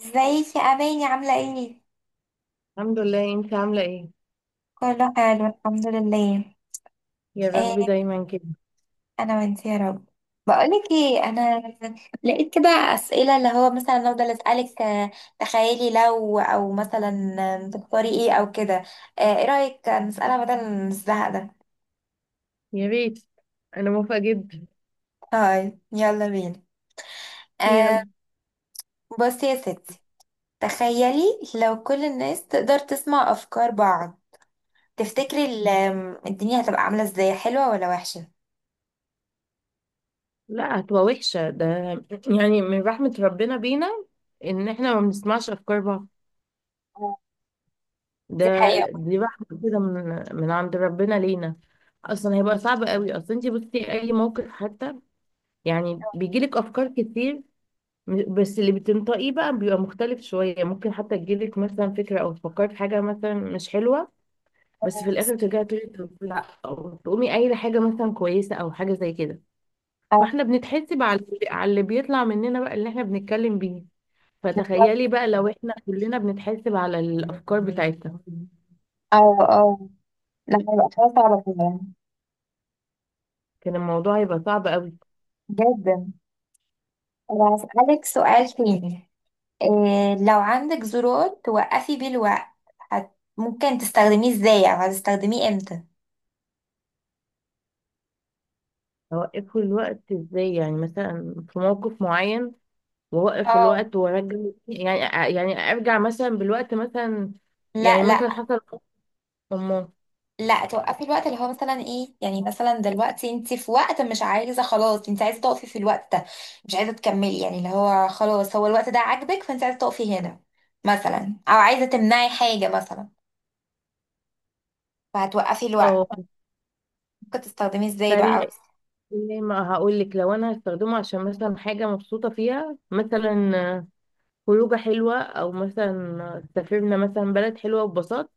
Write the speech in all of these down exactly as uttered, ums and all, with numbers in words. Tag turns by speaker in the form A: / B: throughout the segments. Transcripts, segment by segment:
A: ازيك يا اماني؟ عامله ايه؟
B: الحمد لله، انت عاملة ايه؟
A: كله حلو الحمد لله.
B: يا رب
A: ايه.
B: دايما كده.
A: انا وانت يا رب. بقولك ايه، انا لقيت كده اسئله اللي هو مثلا افضل اسالك آه، تخيلي لو او مثلا آه، تختاري ايه او كده، آه، ايه رايك نسالها بدل الزهق ده؟
B: يا ريت. انا موافقة جدا.
A: هاي، يلا بينا. آه،
B: يلا.
A: بصي يا ستي، تخيلي لو كل الناس تقدر تسمع افكار بعض، تفتكري ال- الدنيا هتبقى عامله ازاي، حلوه ولا وحشه؟
B: لا، هتبقى وحشة. ده يعني من رحمة ربنا بينا ان احنا ما بنسمعش افكار بعض. ده
A: دي
B: دي رحمة كده من من عند ربنا لينا. اصلا هيبقى صعب قوي اصلا. انت بصي اي موقف حتى يعني بيجيلك افكار كتير. م- بس اللي بتنطقيه بقى بيبقى مختلف شوية. ممكن حتى تجيلك مثلا فكرة او تفكري في حاجة مثلا مش حلوة، بس في
A: حقيقة.
B: الاخر ترجعي تقولي طب لا، او تقومي قايله حاجه مثلا كويسه او حاجه زي كده. فاحنا بنتحسب على على اللي بيطلع مننا بقى، اللي احنا بنتكلم بيه.
A: بالظبط.
B: فتخيلي بقى لو احنا كلنا بنتحسب على الافكار بتاعتنا
A: اه اه. لا، هيبقى حاجة صعبة فعلا.
B: كان الموضوع هيبقى صعب قوي.
A: جدا. طب هسألك سؤال تاني. إيه لو عندك زرار توقفي بيه الوقت؟ هت... ممكن تستخدميه ازاي، او هتستخدميه امتى؟
B: اوقفه الوقت ازاي؟ يعني مثلا في موقف معين واوقف
A: اه.
B: الوقت وارجع؟ يعني يعني ارجع مثلا بالوقت مثلا. يعني
A: لا
B: مثلا
A: لا
B: حصل. أمه.
A: لا، توقفي الوقت اللي هو مثلا ايه، يعني مثلا دلوقتي انت في وقت مش عايزة، خلاص انت عايزة تقفي في الوقت ده، مش عايزة تكملي، يعني اللي هو خلاص هو الوقت ده عاجبك فانت عايزة تقفي هنا مثلا، او عايزة تمنعي حاجة مثلا، فهتوقفي الوقت.
B: اه
A: ممكن تستخدميه ازاي بقى؟
B: فال ليه ما هقول لك؟ لو انا هستخدمه عشان مثلا حاجه مبسوطه فيها، مثلا خروجه حلوه او مثلا سافرنا مثلا بلد حلوه وببساطه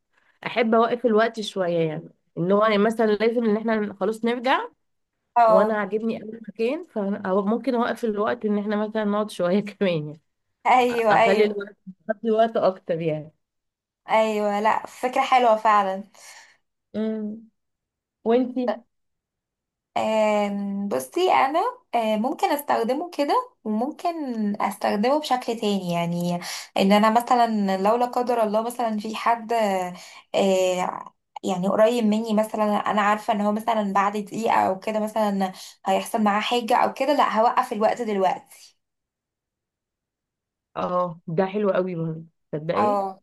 B: احب اوقف الوقت شويه، يعني ان هو يعني مثلا لازم ان احنا خلاص نرجع وانا
A: اه.
B: عاجبني اي مكان، فممكن اوقف الوقت ان احنا مثلا نقعد شويه كمان يعني.
A: ايوه
B: اخلي
A: ايوه.
B: الوقت اخلي وقت اكتر يعني.
A: ايوه، لا فكره حلوه فعلا.
B: امم وانتي؟
A: آم، بصي انا، آه، ممكن استخدمه كده وممكن استخدمه بشكل تاني، يعني ان انا مثلا لو لا قدر الله مثلا في حد آه، يعني قريب مني مثلا، انا عارفه ان هو مثلا بعد دقيقه او كده مثلا هيحصل معاه حاجه او كده، لا هوقف الوقت دلوقتي.
B: اه ده حلو قوي برضه. تصدقي؟
A: اه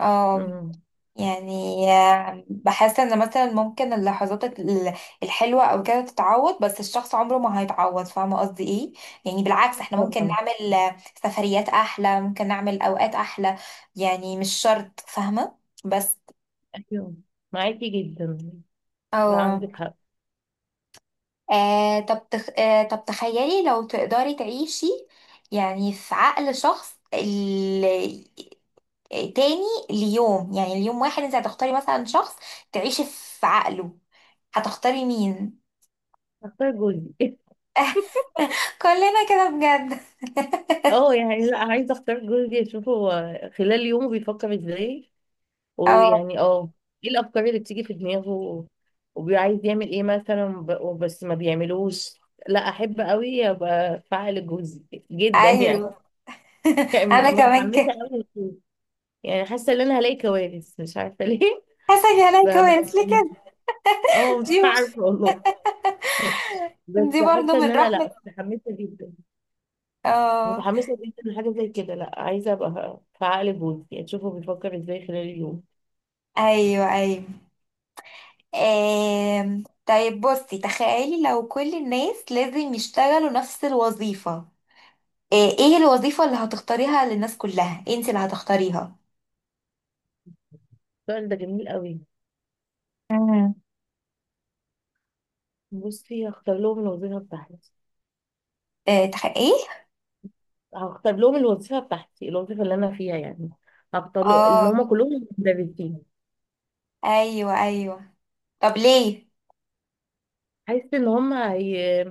A: اه.
B: امم.
A: يعني آه، بحس ان مثلا ممكن اللحظات ال- الحلوه او كده تتعوض، بس الشخص عمره ما هيتعوض، فاهمه قصدي ايه؟ يعني بالعكس احنا ممكن
B: طبعا.
A: نعمل آه، سفريات احلى، ممكن نعمل اوقات احلى، يعني مش شرط، فاهمه؟ بس
B: ايوه، معاكي جدا. لا،
A: اه.
B: عندك حق.
A: آه، طب تخ... آه، طب تخيلي لو تقدري تعيشي يعني في عقل شخص ال... تاني ليوم، يعني اليوم واحد انت هتختاري مثلا شخص تعيشي في عقله، هتختاري مين؟
B: اختار جوزي
A: كلنا كده بجد.
B: اه يعني، لا، عايزه اختار جوزي، اشوفه هو خلال يومه بيفكر ازاي،
A: اه.
B: ويعني اه ايه الافكار اللي بتيجي في دماغه، وبيعايز يعمل ايه مثلا. ب- بس ما بيعملوش. لا احب قوي ابقى فاعل جوزي جدا يعني
A: ايوه.
B: يعني
A: انا
B: م-
A: كمان
B: متحمسه
A: كده.
B: قوي. يعني حاسه ان انا هلاقي كوارث مش عارفه ليه
A: حسن يا ليك، كويس ليه
B: فمتحمسة.
A: كده؟
B: اه مش
A: دي مش،
B: عارفه والله بس
A: دي برضه
B: حاسه ان
A: من
B: انا،
A: رحمة.
B: لا، متحمسه جدا.
A: اه.
B: متحمسة جدا لحاجة زي كده. لا عايزة ابقى في عقل جوزي يعني، اشوفه بيفكر ازاي خلال اليوم.
A: ايوه ايوه. آم. طيب بصي، تخيلي لو كل الناس لازم يشتغلوا نفس الوظيفة، آه، ايه الوظيفة اللي هتختاريها للناس كلها؟ انت اللي هتختاريها؟
B: السؤال ده جميل قوي.
A: امم.
B: بصي، هختار لهم الوظيفة بتاعتي
A: آه، تخ... ايه؟
B: هختار لهم الوظيفة بتاعتي، الوظيفة اللي انا فيها يعني. هختار له- ان
A: اه.
B: هم كلهم مدرسين.
A: ايوه ايوه. طب ليه؟
B: حاسة ان هم. هي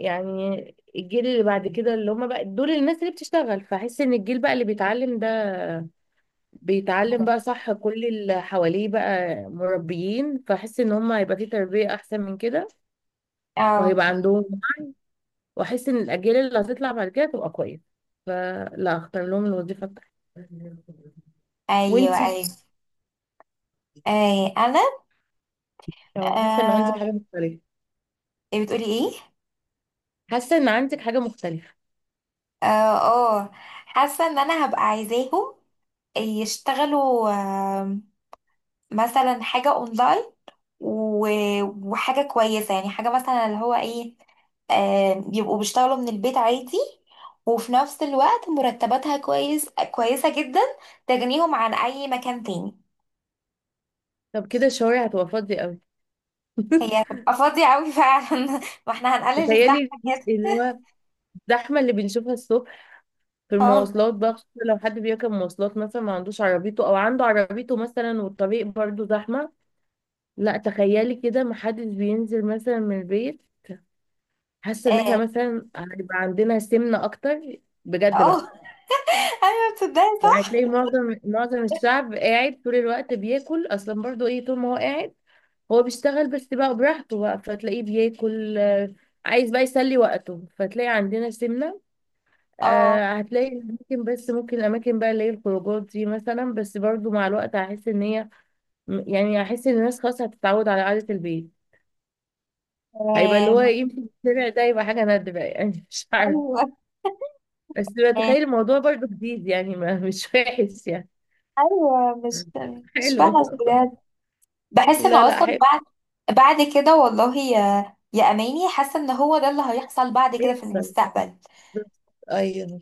B: يعني الجيل اللي بعد كده، اللي هم بقى دول الناس اللي بتشتغل، فحس ان الجيل بقى اللي بيتعلم ده بيتعلم بقى صح. كل اللي حواليه بقى مربيين، فحس ان هم هيبقى في تربية احسن من كده
A: اه.
B: وهيبقى عندهم. واحس ان الاجيال اللي هتطلع بعد كده تبقى كويسه، فلا اختار لهم الوظيفه بتاعتي.
A: ايوه
B: وانتي؟
A: ايوه. آه، انا
B: لو حاسه ان عندك
A: آه...
B: حاجه مختلفه.
A: إيه، بتقولي ايه؟
B: حاسه ان عندك حاجه مختلفه؟
A: اه. آه. حاسه ان انا هبقى عايزاهم يشتغلوا آه، مثلا حاجه اونلاين و- وحاجه كويسه، يعني حاجه مثلا اللي هو ايه، آه، يبقوا بيشتغلوا من البيت عادي، وفي نفس الوقت مرتباتها كويس كويسه جدا، تغنيهم عن اي مكان تاني.
B: طب كده الشوارع هتبقى فاضيه قوي
A: هي هتبقى فاضيه قوي فعلا واحنا هنقلل
B: تخيلي
A: الزحمه
B: الجزء
A: كده.
B: اللي هو الزحمه اللي بنشوفها الصبح في
A: اه
B: المواصلات بقى، خصوصا لو حد بيركب مواصلات مثلا ما عندوش عربيته، او عنده عربيته مثلا والطريق برضو زحمه. لا تخيلي كده ما حدش بينزل مثلا من البيت. حاسه ان احنا
A: اه.
B: مثلا هيبقى عندنا سمنه اكتر بجد
A: آه.
B: بقى.
A: ايوه، بتصدقي
B: يعني
A: صح.
B: تلاقي معظم معظم الشعب قاعد طول الوقت بياكل اصلا. برضو ايه طول ما هو قاعد هو بيشتغل بس بقى براحته بقى، فتلاقيه بياكل. آه، عايز بقى يسلي وقته، فتلاقي عندنا سمنة.
A: اه.
B: آه، هتلاقي ممكن، بس ممكن الاماكن بقى اللي هي الخروجات دي مثلا، بس برضو مع الوقت هحس ان هي، يعني هحس ان الناس خلاص هتتعود على قعدة البيت. هيبقى اللي هو
A: آم.
B: يمكن السمع ده يبقى حاجة نادرة يعني مش عارف.
A: ايوه
B: بس بتخيل الموضوع برضو جديد يعني، ما مش وحش يعني
A: ايوه. مش مش
B: حلو.
A: بلد بجد، بحس
B: لا
A: انه
B: لا
A: اصلا
B: حلو.
A: بعد، بعد كده والله يا يا اماني، حاسه ان هو ده اللي هيحصل بعد كده في
B: بيحصل.
A: المستقبل.
B: ايوه.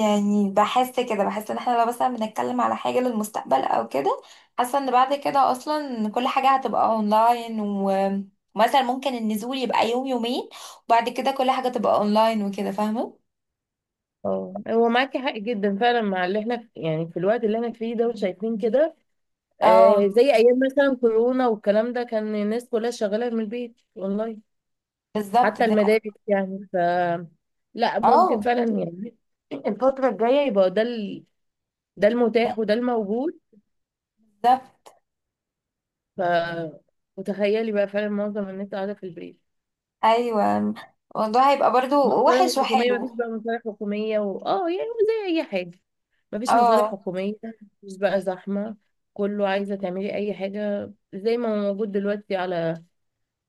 A: يعني بحس كده، بحس ان احنا لو مثلا بنتكلم على حاجه للمستقبل او كده، حاسه ان بعد كده اصلا كل حاجه هتبقى اونلاين و- ومثلا ممكن النزول يبقى يوم يومين، وبعد كده كل حاجه تبقى اونلاين وكده، فاهمه؟
B: اه، هو معاكي حق جدا فعلا مع اللي احنا في، يعني في الوقت اللي احنا فيه ده وشايفين كده. آه
A: اه،
B: زي ايام مثلا كورونا والكلام ده، كان الناس كلها شغاله من البيت والله.
A: بالظبط
B: حتى
A: ده.
B: المدارس يعني. ف لا ممكن
A: اه،
B: فعلا يعني الفتره الجايه يبقى ده. ال... ده المتاح وده الموجود.
A: بالظبط.
B: ف وتخيلي بقى فعلا معظم الناس قاعده في البيت.
A: ايوه، الموضوع هيبقى برضو وحش
B: مصالح حكومية. مفيش
A: وحلو.
B: بقى مصالح حكومية. و... اه يعني زي أي حاجة. مفيش مصالح
A: اه.
B: حكومية. مفيش بقى زحمة. كله عايزة تعملي أي حاجة زي ما هو موجود دلوقتي على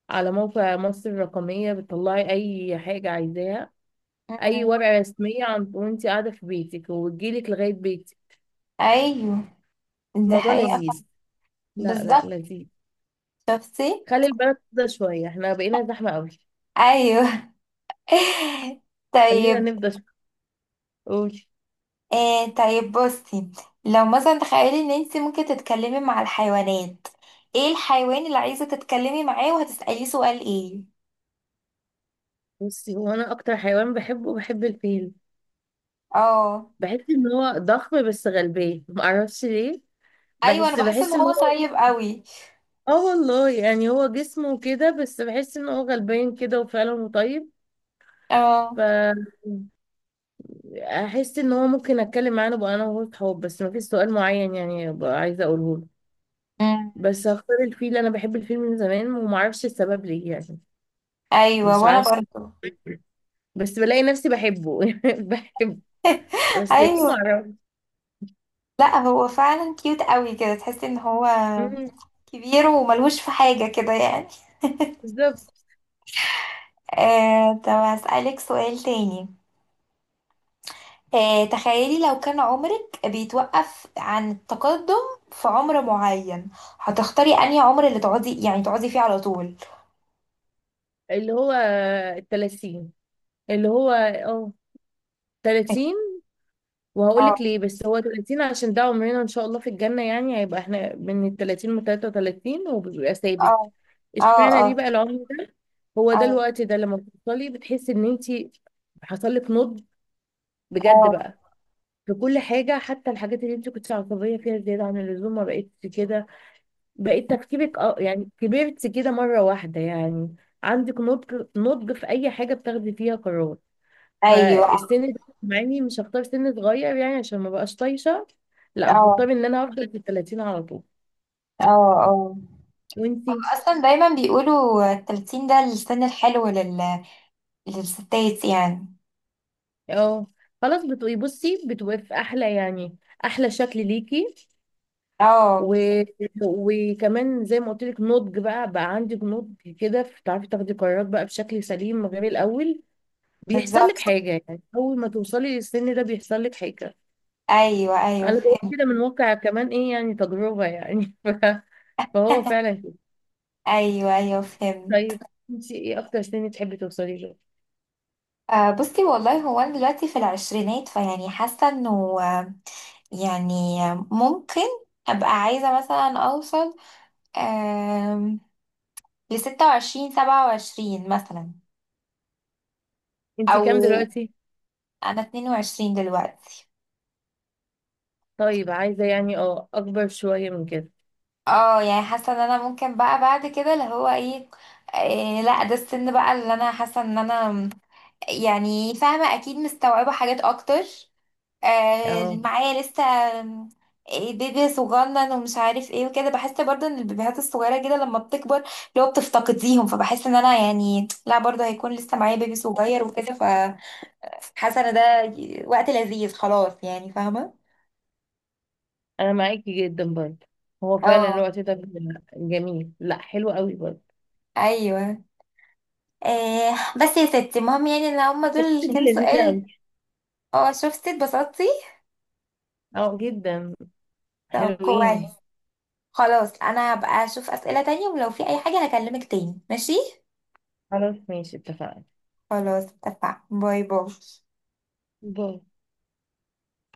B: على موقع مصر الرقمية. بتطلعي أي حاجة عايزاها، أي
A: أمم.
B: ورقة رسمية. عن... وأنت قاعدة في بيتك وتجيلك لغاية بيتك.
A: ايوه، دي
B: الموضوع
A: حقيقة.
B: لذيذ. لا لا
A: بالظبط.
B: لذيذ.
A: شفتي؟
B: خلي البلد تفضى شوية، احنا بقينا زحمة أوي.
A: ايوه.
B: خلينا
A: طيب.
B: نفضى شوية. قولي.
A: آه طيب بصي، لو مثلا تخيلي ان انت ممكن تتكلمي مع الحيوانات، ايه الحيوان اللي عايزة تتكلمي معاه؟ وهتسأليه سؤال ايه؟
B: بصي، هو أنا أكتر حيوان بحبه، بحب الفيل.
A: اه،
B: بحس ان هو ضخم بس غلبان، معرفش ليه.
A: ايوه، انا
B: بحس
A: بحس ان
B: بحس ان
A: هو
B: هو.
A: طيب قوي.
B: اه والله، يعني هو جسمه كده بس بحس ان هو غلبان كده وفعلا طيب.
A: اه.
B: فاحس ان هو ممكن اتكلم معاه بقى، انا وهو صحاب، بس ما فيش سؤال معين يعني بقى عايزه اقوله له.
A: أمم.
B: بس هختار الفيل، انا بحب الفيل من زمان ومعرفش السبب ليه يعني.
A: ايوه،
B: مش
A: وانا
B: عارفه،
A: برضه.
B: بس بلاقي نفسي بحبه بحبه، بس ليه
A: ايوه.
B: معرفش.
A: لا هو فعلا كيوت قوي كده، تحسي ان هو
B: مم.
A: كبير وملهوش في حاجة كده يعني.
B: بالظبط.
A: آه، طب هسألك سؤال تاني. آه، تخيلي لو كان عمرك بيتوقف عن التقدم في عمر معين، هتختاري أنهي عمر اللي تقعدي، يعني تقعدي فيه على طول؟
B: اللي هو التلاتين، اللي هو اه تلاتين. وهقول
A: اه
B: لك ليه، بس هو تلاتين عشان ده عمرنا ان شاء الله في الجنة. يعني هيبقى احنا من ال ثلاثين ل ثلاثة وثلاثين وبيبقى ثابت.
A: اه. اه
B: اشمعنى
A: اه.
B: ليه بقى العمر ده؟ هو ده
A: اه
B: الوقت ده لما بتوصلي بتحسي ان انت حصل لك نضج بجد
A: اه.
B: بقى في كل حاجة. حتى الحاجات اللي انت كنت عصبية فيها زيادة عن اللزوم ما بقتش كده. بقيت تفكيرك اه يعني كبرت كده مرة واحدة يعني. عندك نضج نضج في اي حاجة بتاخدي فيها قرار.
A: ايوه اه
B: فالسن ده معني مش هختار سن صغير يعني عشان ما بقاش طايشه. لا
A: اه.
B: هختار ان انا هفضل في ال ثلاثين على طول.
A: اه آه.
B: وانتي؟
A: اصلا دايما بيقولوا التلاتين ده السن الحلو لل... للستات يعني.
B: اه. خلاص بتبقي بصي بتبقي في احلى يعني، احلى شكل ليكي. و...
A: اه،
B: وكمان زي ما قلت لك، نضج بقى بقى عندك نضج كده، بتعرفي تاخدي قرارات بقى بشكل سليم من غير الاول. بيحصل لك
A: بالظبط.
B: حاجه يعني اول ما توصلي للسن ده بيحصل لك حاجه.
A: ايوه ايوه
B: انا بقول
A: فهمت.
B: كده من واقع كمان ايه، يعني تجربه يعني ف... فهو فعلا كده.
A: ايوه ايوه فهمت.
B: طيب، انت ايه اكتر سن تحبي توصلي له؟
A: آه، بصي والله، هو انا دلوقتي في العشرينات، فيعني حاسه انه آه، يعني آه، ممكن ابقى عايزه مثلا اوصل آم، ل ست وعشرين سبعة وعشرين مثلا.
B: انت
A: او،
B: كام دلوقتي؟
A: انا اتنين وعشرين دلوقتي.
B: طيب، عايزه يعني اه اكبر شويه من كده
A: اه، يعني حاسه ان انا ممكن بقى بعد كده اللي هو ايه، آه، لا ده السن بقى اللي انا حاسه ان انا يعني فاهمه، اكيد مستوعبه حاجات اكتر، آه،
B: اه.
A: معايا لسه آم، إيه بيبي صغنن ومش عارف ايه وكده، بحس برضه ان البيبيهات الصغيره كده لما بتكبر اللي هو بتفتقديهم، فبحس ان انا يعني لا برضه هيكون لسه معايا بيبي صغير وكده، فحاسه ان ده ي- وقت لذيذ خلاص، يعني فاهمه؟
B: انا معاكي جدا برضه. هو فعلا
A: اه.
B: الوقت ده جميل، لا حلو قوي برضه.
A: ايوه. آه، بس يا ستي المهم، يعني ان هما
B: بس
A: دول
B: دي
A: كام
B: لذيذة
A: سؤال.
B: أوي.
A: اه، شفتي؟ اتبسطتي؟
B: اه جدا.
A: طب كويس.
B: حلوين.
A: خلاص، انا هبقى اشوف اسئله تانية، ولو في اي حاجه هكلمك تاني، ماشي؟
B: خلاص ماشي اتفقنا.
A: خلاص اتفقنا. باي باي.
B: باي.